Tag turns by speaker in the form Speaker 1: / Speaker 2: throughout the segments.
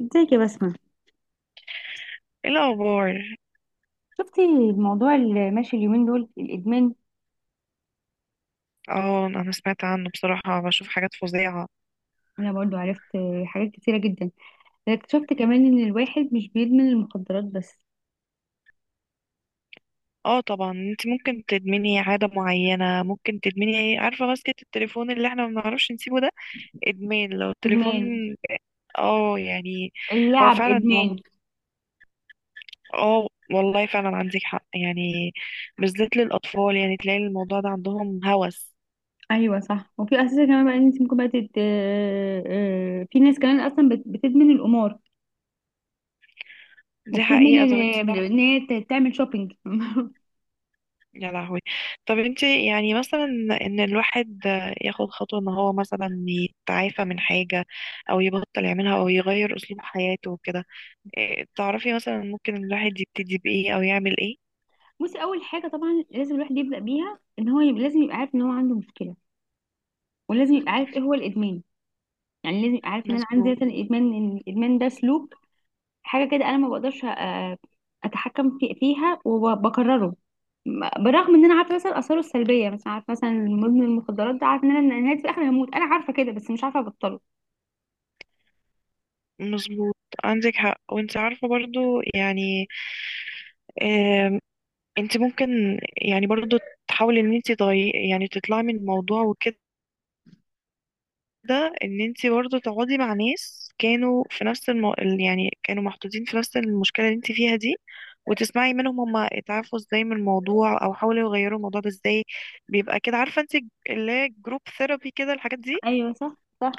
Speaker 1: ازيك يا بسمة؟
Speaker 2: ايه الاخبار؟
Speaker 1: شفتي الموضوع اللي ماشي اليومين دول، الإدمان؟
Speaker 2: اه، انا سمعت عنه بصراحة، بشوف حاجات فظيعة.
Speaker 1: أنا برضو عرفت حاجات كتيرة جدا. اكتشفت كمان إن الواحد مش بيدمن المخدرات بس.
Speaker 2: اه طبعا، انت ممكن تدمني عادة معينة، ممكن تدمني ايه، عارفة؟ ماسكة التليفون اللي احنا ما بنعرفش نسيبه ده. ادمان لو التليفون.
Speaker 1: إدمان
Speaker 2: اه يعني. هو
Speaker 1: اللعب
Speaker 2: فعلا هو.
Speaker 1: إدمان.
Speaker 2: اه، والله فعلا عندك حق يعني. بالذات للاطفال، يعني تلاقي الموضوع ده عندهم هوس.
Speaker 1: أيوة صح. وفي أساسا كمان بقى إن أنت ممكن بقى تت... آه، آه، في ناس كمان أصلا بتدمن القمار،
Speaker 2: دي
Speaker 1: وبتدمن
Speaker 2: حقيقة. طب انت،
Speaker 1: إن هي تعمل شوبينج.
Speaker 2: يا لهوي. طب انت يعني مثلا، ان الواحد ياخد خطوة ان هو مثلا يتعافى من حاجة، او يبطل يعملها، او يغير اسلوب حياته وكده. إيه، تعرفي مثلا ممكن الواحد يبتدي بايه او يعمل ايه؟
Speaker 1: بصي، أول حاجة طبعا لازم الواحد يبدأ بيها إن هو يبقى، لازم يبقى عارف إن هو عنده مشكلة، ولازم يبقى عارف إيه هو الإدمان. يعني لازم يبقى عارف ان انا عندي
Speaker 2: مظبوط.
Speaker 1: مثلا ادمان، ان الادمان ده سلوك، حاجة كده أنا ما بقدرش أتحكم فيها وبكرره. بالرغم إن أنا عارفة مثلا آثاره السلبية، مثلا عارفة مثلا مدمن المخدرات ده، عارفة إن أنا نهاية في الآخر هموت، أنا عارفة كده بس مش عارفة أبطله.
Speaker 2: مظبوط، عندك حق. وانت عارفة برضو يعني، آم، انت ممكن يعني برضو تحاولي ان انت تغيري، يعني تطلعي من الموضوع وكده. ده ان انت برضه تقعدي مع ناس كانوا في نفس يعني كانوا محطوطين في نفس المشكلة اللي انت فيها دي، وتسمعي منهم هما اتعافوا ازاي من الموضوع، او حاولوا يغيروا الموضوع ده ازاي. بيبقى كده، عارفة انت، اللي هي جروب ثيرابي كده، الحاجات دي.
Speaker 1: ايوه صح، صح.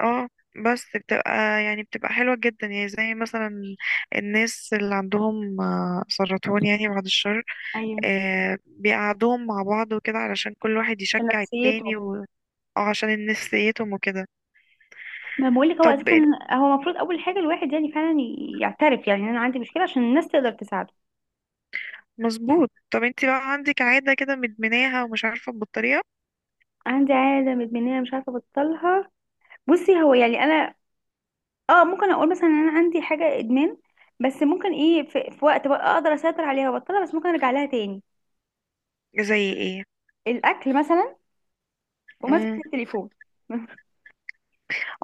Speaker 2: اه. بس بتبقى حلوة جدا يعني، زي مثلا الناس اللي عندهم سرطان، يعني بعد الشر.
Speaker 1: أيوه.
Speaker 2: بيقعدوهم مع بعض وكده، علشان كل واحد
Speaker 1: في
Speaker 2: يشجع التاني
Speaker 1: نفسيته.
Speaker 2: او عشان نفسيتهم وكده.
Speaker 1: ما بقولك هو
Speaker 2: طب.
Speaker 1: أساسا، هو المفروض أول حاجة الواحد يعني فعلا يعترف، يعني إن أنا عندي مشكلة عشان الناس تقدر تساعده.
Speaker 2: مظبوط. طب انت بقى عندك عادة كده مدمناها ومش عارفة تبطليها؟
Speaker 1: عندي عادة مدمنية مش عارفة أبطلها. بصي هو يعني أنا، اه ممكن اقول مثلا ان انا عندي حاجه ادمان، بس ممكن ايه، في وقت بقى اقدر اسيطر عليها وابطلها، بس ممكن ارجع لها تاني.
Speaker 2: زي ايه؟
Speaker 1: الاكل مثلا،
Speaker 2: امم
Speaker 1: ومسكه التليفون.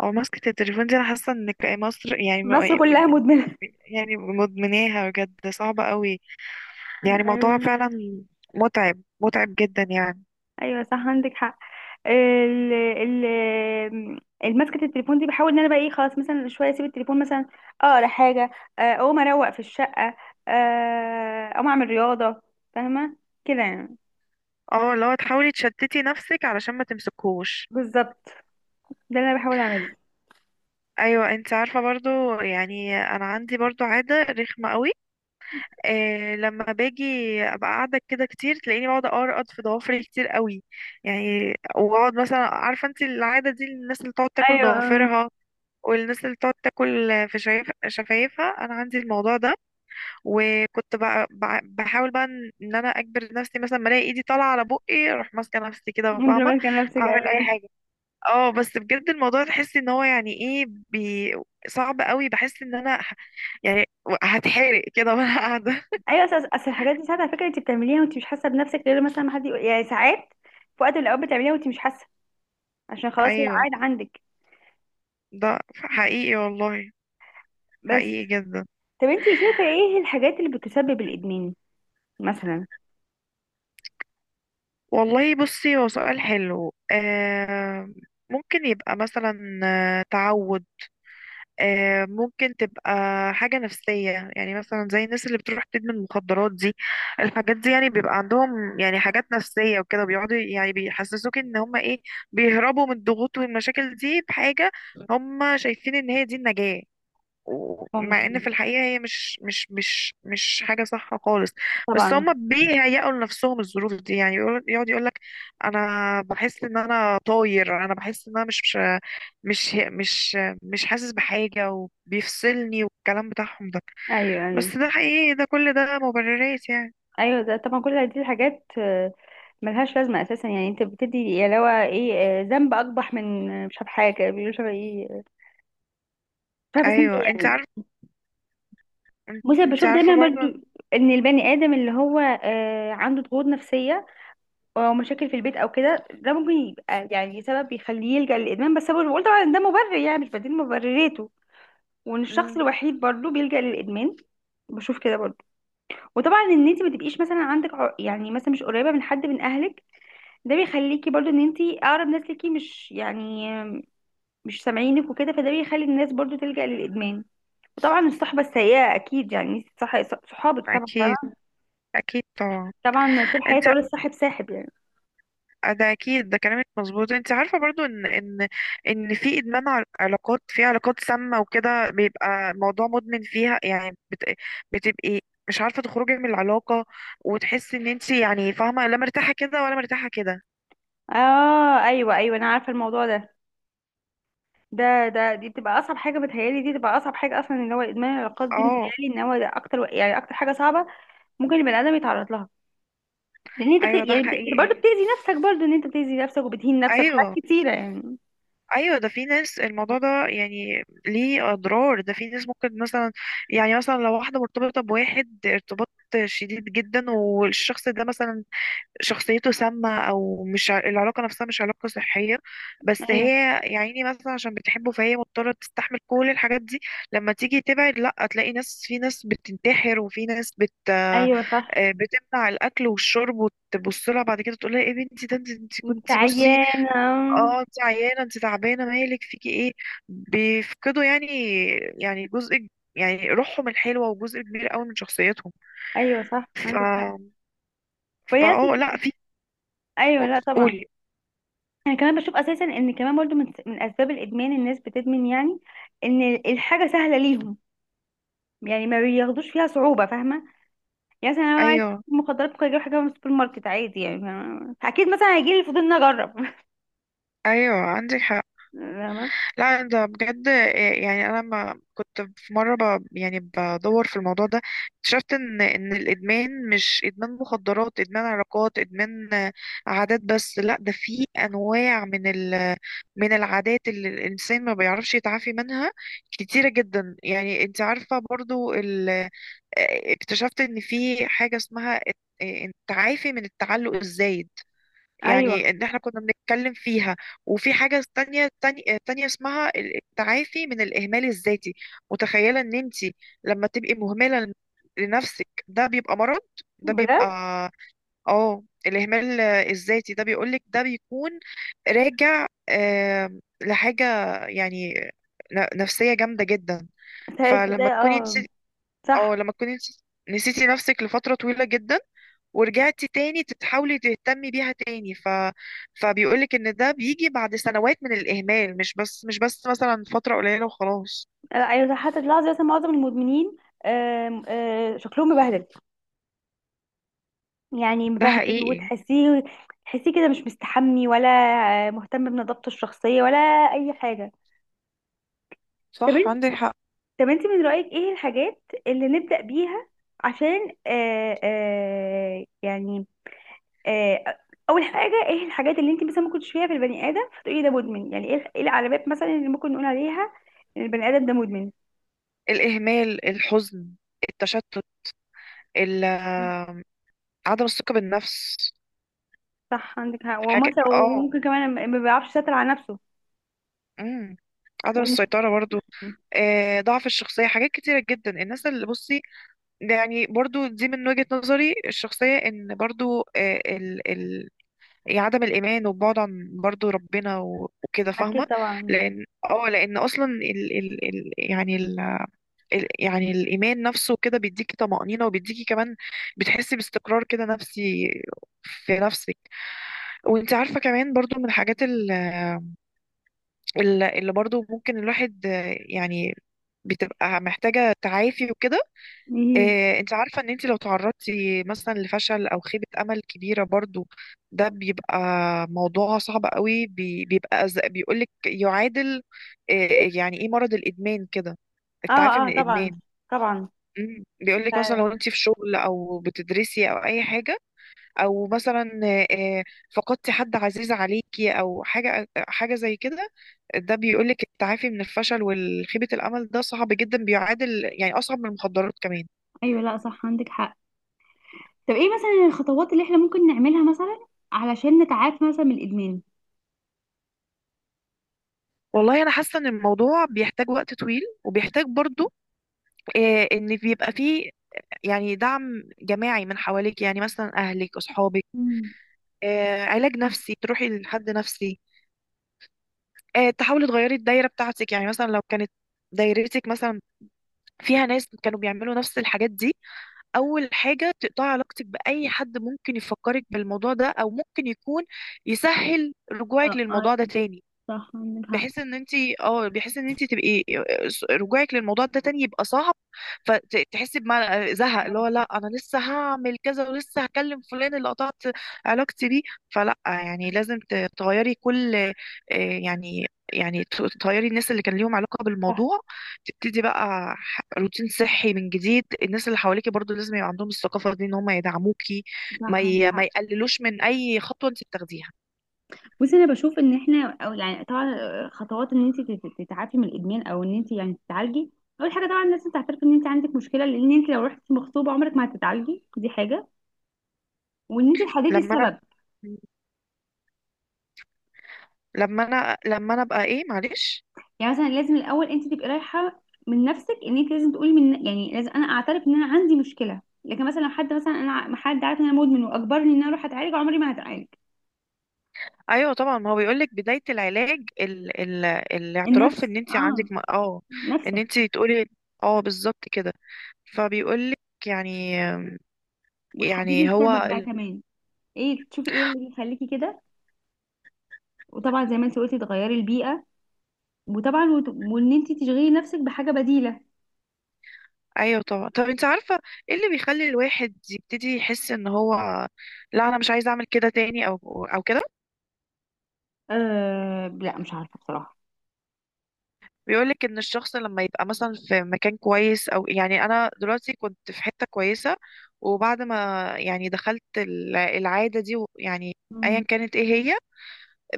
Speaker 2: او مسكة التليفون دي، انا حاسة ان مصر يعني
Speaker 1: مصر كلها مدمنه.
Speaker 2: يعني مدمناها بجد، صعبة قوي. يعني موضوع
Speaker 1: ايوه.
Speaker 2: فعلا متعب، متعب جدا يعني.
Speaker 1: أيوة صح عندك حق. ال ال المسكة التليفون دي بحاول ان انا بقى ايه، خلاص مثلا شويه اسيب التليفون مثلا، اقرا حاجه، اقوم اروق في الشقه، آه، اقوم اعمل رياضه، فاهمه، كده يعني.
Speaker 2: اه، لو تحاولي تشتتي نفسك علشان ما تمسكوش.
Speaker 1: بالظبط، ده اللي انا بحاول اعمله.
Speaker 2: ايوه، انت عارفة برضو يعني انا عندي برضو عادة رخمة قوي. لما باجي ابقى قاعده كده كتير، تلاقيني بقعد ارقد في ضوافري كتير قوي. يعني واقعد مثلا، عارفه انت، العاده دي، الناس اللي تقعد تاكل
Speaker 1: ايوه،
Speaker 2: ضوافرها، والناس اللي تقعد تاكل في شفايفها، انا عندي الموضوع ده. وكنت بقى بحاول بقى ان انا اجبر نفسي، مثلا ما الاقي ايدي طالعه على بقي، اروح ماسكه نفسي كده،
Speaker 1: انت لو
Speaker 2: فاهمه.
Speaker 1: ماسكه نفسك.
Speaker 2: اعمل اي حاجه. اه بس بجد الموضوع، تحسي ان هو يعني ايه صعب قوي. بحس ان انا يعني هتحرق كده وانا قاعده.
Speaker 1: ايوه، اصل أصل الحاجات دي ساعات على فكره انت بتعمليها وانت مش حاسه بنفسك، غير مثلا ما حد يقول، يعني ساعات في وقت من الاوقات بتعمليها وانت مش حاسه، عشان خلاص هي
Speaker 2: ايوه.
Speaker 1: عاد عندك.
Speaker 2: ده حقيقي والله،
Speaker 1: بس.
Speaker 2: حقيقي جدا.
Speaker 1: طب انت شايفه ايه الحاجات اللي بتسبب الادمان مثلا؟
Speaker 2: والله بصي، هو سؤال حلو. ممكن يبقى مثلا تعود، ممكن تبقى حاجة نفسية. يعني مثلا زي الناس اللي بتروح تدمن مخدرات دي، الحاجات دي، يعني بيبقى عندهم يعني حاجات نفسية وكده، بيقعدوا يعني بيحسسوك ان هما ايه، بيهربوا من الضغوط والمشاكل دي بحاجة. هما شايفين ان هي دي النجاة، ومع ان
Speaker 1: ممكن،
Speaker 2: في الحقيقه هي مش حاجه صح خالص. بس هما
Speaker 1: طبعا.
Speaker 2: بيهيئوا لنفسهم الظروف دي، يعني يقعد يقول لك، انا بحس ان انا طاير، انا بحس ان انا مش مش مش حاسس بحاجه، وبيفصلني، والكلام بتاعهم ده.
Speaker 1: ايوه، ايوه.
Speaker 2: بس ده حقيقي، ده كل ده مبررات يعني.
Speaker 1: ايوه ده طبعا كل دي الحاجات ملهاش لازمه اساسا، يعني انت بتدي يا لو ايه، ذنب اقبح من مش عارف حاجه بيقولوا شبه ايه، مش عارفه اسمها
Speaker 2: ايوه.
Speaker 1: ايه
Speaker 2: انت
Speaker 1: يعني.
Speaker 2: عارف.
Speaker 1: بصي أنا
Speaker 2: انت
Speaker 1: بشوف
Speaker 2: عارفه
Speaker 1: دايما برضو
Speaker 2: برضه.
Speaker 1: ان البني ادم اللي هو عنده ضغوط نفسيه او مشاكل في البيت او كده، ده ممكن يبقى يعني سبب بيخليه يلجأ للادمان، بس أنا بقول طبعا إن ده مبرر يعني، مش بديل مبرراته، وان الشخص
Speaker 2: مم،
Speaker 1: الوحيد برضه بيلجأ للادمان. بشوف كده برضه. وطبعا ان انت ما تبقيش مثلا عندك يعني مثلا مش قريبه من حد من اهلك، ده بيخليكي برضه ان انت اقرب ناس ليكي مش يعني، مش سامعينك وكده، فده بيخلي الناس برضه تلجأ للادمان. وطبعا الصحبه السيئه اكيد يعني، انت صح، صحابك طبعا،
Speaker 2: اكيد،
Speaker 1: طبعا.
Speaker 2: اكيد طبعا.
Speaker 1: طبعاً طول
Speaker 2: انت،
Speaker 1: حياتي اقول الصاحب ساحب يعني.
Speaker 2: ده اكيد، ده كلامك مظبوط. انت عارفه برضو ان في ادمان علاقات، في علاقات سامه وكده، بيبقى موضوع مدمن فيها، يعني بتبقي مش عارفه تخرجي من العلاقه، وتحسي ان انت يعني فاهمه، لا مرتاحه كده ولا مرتاحه كده.
Speaker 1: اه، ايوه، ايوه انا عارفه الموضوع ده. دي بتبقى اصعب حاجه، بتهيالي دي بتبقى اصعب حاجه اصلا اللي هو ادمان العلاقات دي،
Speaker 2: اه،
Speaker 1: متهيالي ان هو ده اكتر، يعني اكتر حاجه صعبه ممكن البني ادم يتعرض لها، لان انت
Speaker 2: ايوه، ده
Speaker 1: برضه
Speaker 2: حقيقي.
Speaker 1: بتاذي نفسك، برضه ان انت بتاذي نفسك وبتهين نفسك في
Speaker 2: ايوه،
Speaker 1: حاجات كتيره يعني.
Speaker 2: ايوه. ده في ناس الموضوع ده يعني ليه اضرار. ده في ناس ممكن مثلا، يعني مثلا لو واحده مرتبطه بواحد ارتباط شديد جدا، والشخص ده مثلا شخصيته سامة، أو مش ع- العلاقة نفسها مش علاقة صحية، بس هي
Speaker 1: ايوه،
Speaker 2: يا عيني مثلا عشان بتحبه، فهي مضطرة تستحمل كل الحاجات دي. لما تيجي تبعد، لأ، تلاقي ناس، في ناس بتنتحر، وفي ناس بت آه،
Speaker 1: ايوه صح.
Speaker 2: بتمنع الأكل والشرب، وتبص لها بعد كده تقول لها، ايه بنتي، ده انت
Speaker 1: انت
Speaker 2: كنتي. بصي،
Speaker 1: عيانه.
Speaker 2: اه، انت عيانة، انت تعبانة، مالك فيكي ايه. بيفقدوا يعني، يعني جزء، يعني روحهم الحلوة، وجزء كبير قوي من شخصيتهم.
Speaker 1: ايوه صح
Speaker 2: ف
Speaker 1: عندك حق.
Speaker 2: فا
Speaker 1: وهي
Speaker 2: اه لأ،
Speaker 1: أصلاً-
Speaker 2: في.
Speaker 1: ايوه، لا طبعا.
Speaker 2: قولي.
Speaker 1: انا كمان بشوف اساسا ان كمان برضه من اسباب الادمان الناس بتدمن يعني ان الحاجه سهله ليهم، يعني ما بياخدوش فيها صعوبه، فاهمه، يعني مثلا انا عايز
Speaker 2: ايوه،
Speaker 1: مخدرات، ممكن اجيب حاجه من السوبر ماركت عادي يعني، فاهمة؟ اكيد مثلا هيجي لي فضول اني اجرب.
Speaker 2: ايوه، عندك حق.
Speaker 1: فاهمة؟
Speaker 2: لا ده بجد. إيه، يعني انا لما كنت في مره يعني بدور في الموضوع ده، اكتشفت ان الادمان مش ادمان مخدرات، ادمان علاقات، ادمان عادات. بس لا ده في انواع من من العادات اللي الانسان ما بيعرفش يتعافي منها كتيره جدا. يعني انت عارفه برضو ال... آه، اكتشفت ان في حاجه اسمها التعافي من التعلق الزايد،
Speaker 1: ايوه
Speaker 2: يعني ان احنا كنا بنتكلم فيها. وفي حاجة تانية اسمها التعافي من الإهمال الذاتي. متخيلة ان انت لما تبقي مهملة لنفسك، ده بيبقى مرض. ده
Speaker 1: بجد.
Speaker 2: بيبقى، اه، الإهمال الذاتي. ده بيقولك ده بيكون راجع لحاجة يعني نفسية جامدة جدا.
Speaker 1: ساعات ده
Speaker 2: فلما تكوني انت
Speaker 1: اه،
Speaker 2: اه
Speaker 1: صح.
Speaker 2: لما تكوني انت نسيتي نفسك لفترة طويلة جدا، ورجعتي تاني تحاولي تهتمي بيها تاني، فبيقولك ان ده بيجي بعد سنوات من الاهمال، مش بس مثلا فترة قليلة وخلاص.
Speaker 1: لا، ايوه صح، حتى تلاحظي مثلا معظم المدمنين آم، آه، شكلهم مبهدل، يعني
Speaker 2: ده
Speaker 1: مبهدل،
Speaker 2: حقيقي.
Speaker 1: وتحسيه، تحسيه كده مش مستحمي، ولا مهتم بنظافته الشخصيه، ولا اي حاجه. طب
Speaker 2: صح
Speaker 1: انت،
Speaker 2: عندك حق.
Speaker 1: طب انت من رايك ايه الحاجات اللي نبدا بيها عشان يعني، آه، اول حاجه ايه الحاجات اللي انت مثلا ممكن تشوفيها في البني ادم فتقولي ده مدمن، يعني ايه إيه العلامات مثلا اللي ممكن نقول عليها ان البني ادم ده مدمن؟
Speaker 2: الاهمال، الحزن، التشتت، ال... عدم الثقة بالنفس.
Speaker 1: صح عندك حق،
Speaker 2: حاجة
Speaker 1: ومثلا
Speaker 2: اه،
Speaker 1: وممكن كمان ما بيعرفش يسيطر على نفسه.
Speaker 2: امم عدم
Speaker 1: ون-
Speaker 2: السيطرة برضو. ضعف الشخصية، حاجات كتيرة جدا. الناس اللي، بصي، ده يعني برضو دي، من وجهة نظري الشخصية، ان برضو، إيه، عدم الايمان، وبعد عن برضو ربنا وكده،
Speaker 1: اكيد
Speaker 2: فاهمه.
Speaker 1: طبعا.
Speaker 2: لان اصلا ال ال ال يعني ال ال يعني الايمان نفسه كده بيديكي طمأنينة، وبيديكي كمان بتحسي باستقرار كده نفسي في نفسك. وانت عارفه كمان برضو من الحاجات اللي برضو ممكن الواحد يعني بتبقى محتاجه تعافي وكده.
Speaker 1: ايه،
Speaker 2: إيه، انت عارفة ان انت لو تعرضتي مثلا لفشل او خيبة امل كبيرة برضو، ده بيبقى موضوع صعب قوي. بيبقى بيقولك يعادل، إيه يعني، ايه مرض الادمان كده،
Speaker 1: اه،
Speaker 2: التعافي من
Speaker 1: اه طبعا،
Speaker 2: الادمان.
Speaker 1: طبعا.
Speaker 2: بيقولك مثلا
Speaker 1: ف-
Speaker 2: لو انت في شغل، او بتدرسي، او اي حاجة، او مثلا إيه إيه، فقدتي حد عزيز عليكي، او حاجة حاجة زي كده. ده بيقولك التعافي من الفشل والخيبة الامل ده صعب جدا، بيعادل يعني اصعب من المخدرات كمان.
Speaker 1: ايوه لا صح عندك حق. طب ايه مثلا الخطوات اللي احنا ممكن نعملها مثلا علشان نتعافى مثلا من الادمان؟
Speaker 2: والله انا حاسه ان الموضوع بيحتاج وقت طويل، وبيحتاج برضو ان بيبقى فيه يعني دعم جماعي من حواليك، يعني مثلا اهلك، اصحابك.
Speaker 1: مم.
Speaker 2: علاج
Speaker 1: اه،
Speaker 2: نفسي، تروحي لحد نفسي. تحاولي تغيري الدايره بتاعتك، يعني مثلا لو كانت دايرتك مثلا فيها ناس كانوا بيعملوا نفس الحاجات دي، اول حاجه تقطعي علاقتك باي حد ممكن يفكرك بالموضوع ده، او ممكن يكون يسهل رجوعك للموضوع ده
Speaker 1: ايوه
Speaker 2: تاني.
Speaker 1: صح عندك حق.
Speaker 2: بحيث ان انت، اه، بحيث ان انت تبقي رجوعك للموضوع ده تاني يبقى صعب، فتحسي بمعنى زهق، اللي هو لا انا لسه هعمل كذا، ولسه هكلم فلان اللي قطعت علاقتي بيه. فلا، يعني لازم تغيري كل يعني، يعني تغيري الناس اللي كان ليهم علاقة
Speaker 1: صح،
Speaker 2: بالموضوع. تبتدي بقى روتين صحي من جديد. الناس اللي حواليكي برضو لازم يبقى عندهم الثقافة دي، ان هم يدعموكي،
Speaker 1: صح عندك
Speaker 2: ما
Speaker 1: حق.
Speaker 2: يقللوش من اي خطوة انت بتاخديها.
Speaker 1: بصي انا بشوف ان احنا او يعني طبعا خطوات ان انت تتعافي من الادمان او ان انت يعني تتعالجي، اول حاجه طبعا لازم تعترفي ان انت عندك مشكله، لان انت لو رحتي مغصوبه عمرك ما هتتعالجي، دي حاجه، وان انت تحددي
Speaker 2: لما انا،
Speaker 1: السبب.
Speaker 2: لما انا ابقى ايه، معلش.
Speaker 1: يعني مثلا لازم الاول انت تبقي رايحه من نفسك، ان انت لازم تقولي من، يعني لازم انا اعترف ان انا عندي مشكله، لكن مثلا لو حد مثلا انا حد عارف ان انا مدمن واجبرني ان انا اروح اتعالج، عمري ما هتعالج.
Speaker 2: ايوه طبعا، ما هو بيقول لك بدايه العلاج، الاعتراف،
Speaker 1: النفس،
Speaker 2: ان انت
Speaker 1: اه،
Speaker 2: عندك ان
Speaker 1: نفسك.
Speaker 2: انت تقولي. اه، بالظبط كده. فبيقول لك، يعني،
Speaker 1: وتحددي
Speaker 2: يعني هو
Speaker 1: السبب بقى
Speaker 2: ال...
Speaker 1: كمان، ايه تشوفي ايه اللي يخليكي كده، وطبعا زي ما انت قلتي تغيري البيئه، وطبعا وان انت تشغلي نفسك بحاجه بديله.
Speaker 2: ايوه طبعا. طب انت عارفه ايه اللي بيخلي الواحد يبتدي يحس ان هو، لا انا مش عايز اعمل كده تاني، او او كده؟
Speaker 1: أه لا مش عارفة بصراحة.
Speaker 2: بيقولك ان الشخص لما يبقى مثلا في مكان كويس، او يعني انا دلوقتي كنت في حتة كويسة، وبعد ما يعني دخلت العادة دي يعني ايا
Speaker 1: مم.
Speaker 2: كانت ايه هي،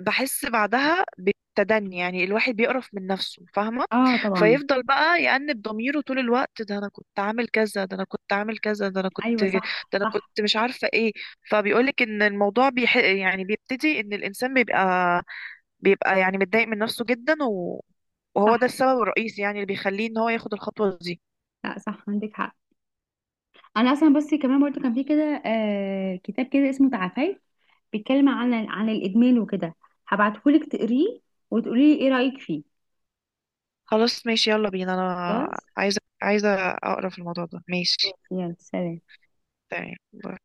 Speaker 2: بحس بعدها بالتدني. يعني الواحد بيقرف من نفسه، فاهمة؟
Speaker 1: اه طبعا.
Speaker 2: فيفضل بقى يأنب ضميره طول الوقت، ده انا كنت عامل كذا، ده انا كنت عامل كذا، ده انا كنت
Speaker 1: ايوه
Speaker 2: ده،
Speaker 1: صح،
Speaker 2: انا كنت
Speaker 1: صح.
Speaker 2: مش عارفة ايه. فبيقولك ان الموضوع يعني بيبتدي ان الانسان بيبقى يعني متضايق من نفسه جدا، وهو ده
Speaker 1: صح،
Speaker 2: السبب الرئيسي يعني اللي بيخليه ان هو ياخد الخطوة دي.
Speaker 1: لا صح عندك حق. انا اصلا بس كمان برضو كان في كده كتاب كده اسمه تعافي، بيتكلم عن عن الادمان وكده، هبعتهولك تقريه وتقولي لي ايه رايك فيه.
Speaker 2: خلاص ماشي، يلا بينا، انا
Speaker 1: خلاص،
Speaker 2: عايزة، عايزة اقرا في الموضوع ده. ماشي.
Speaker 1: يلا سلام.
Speaker 2: تمام.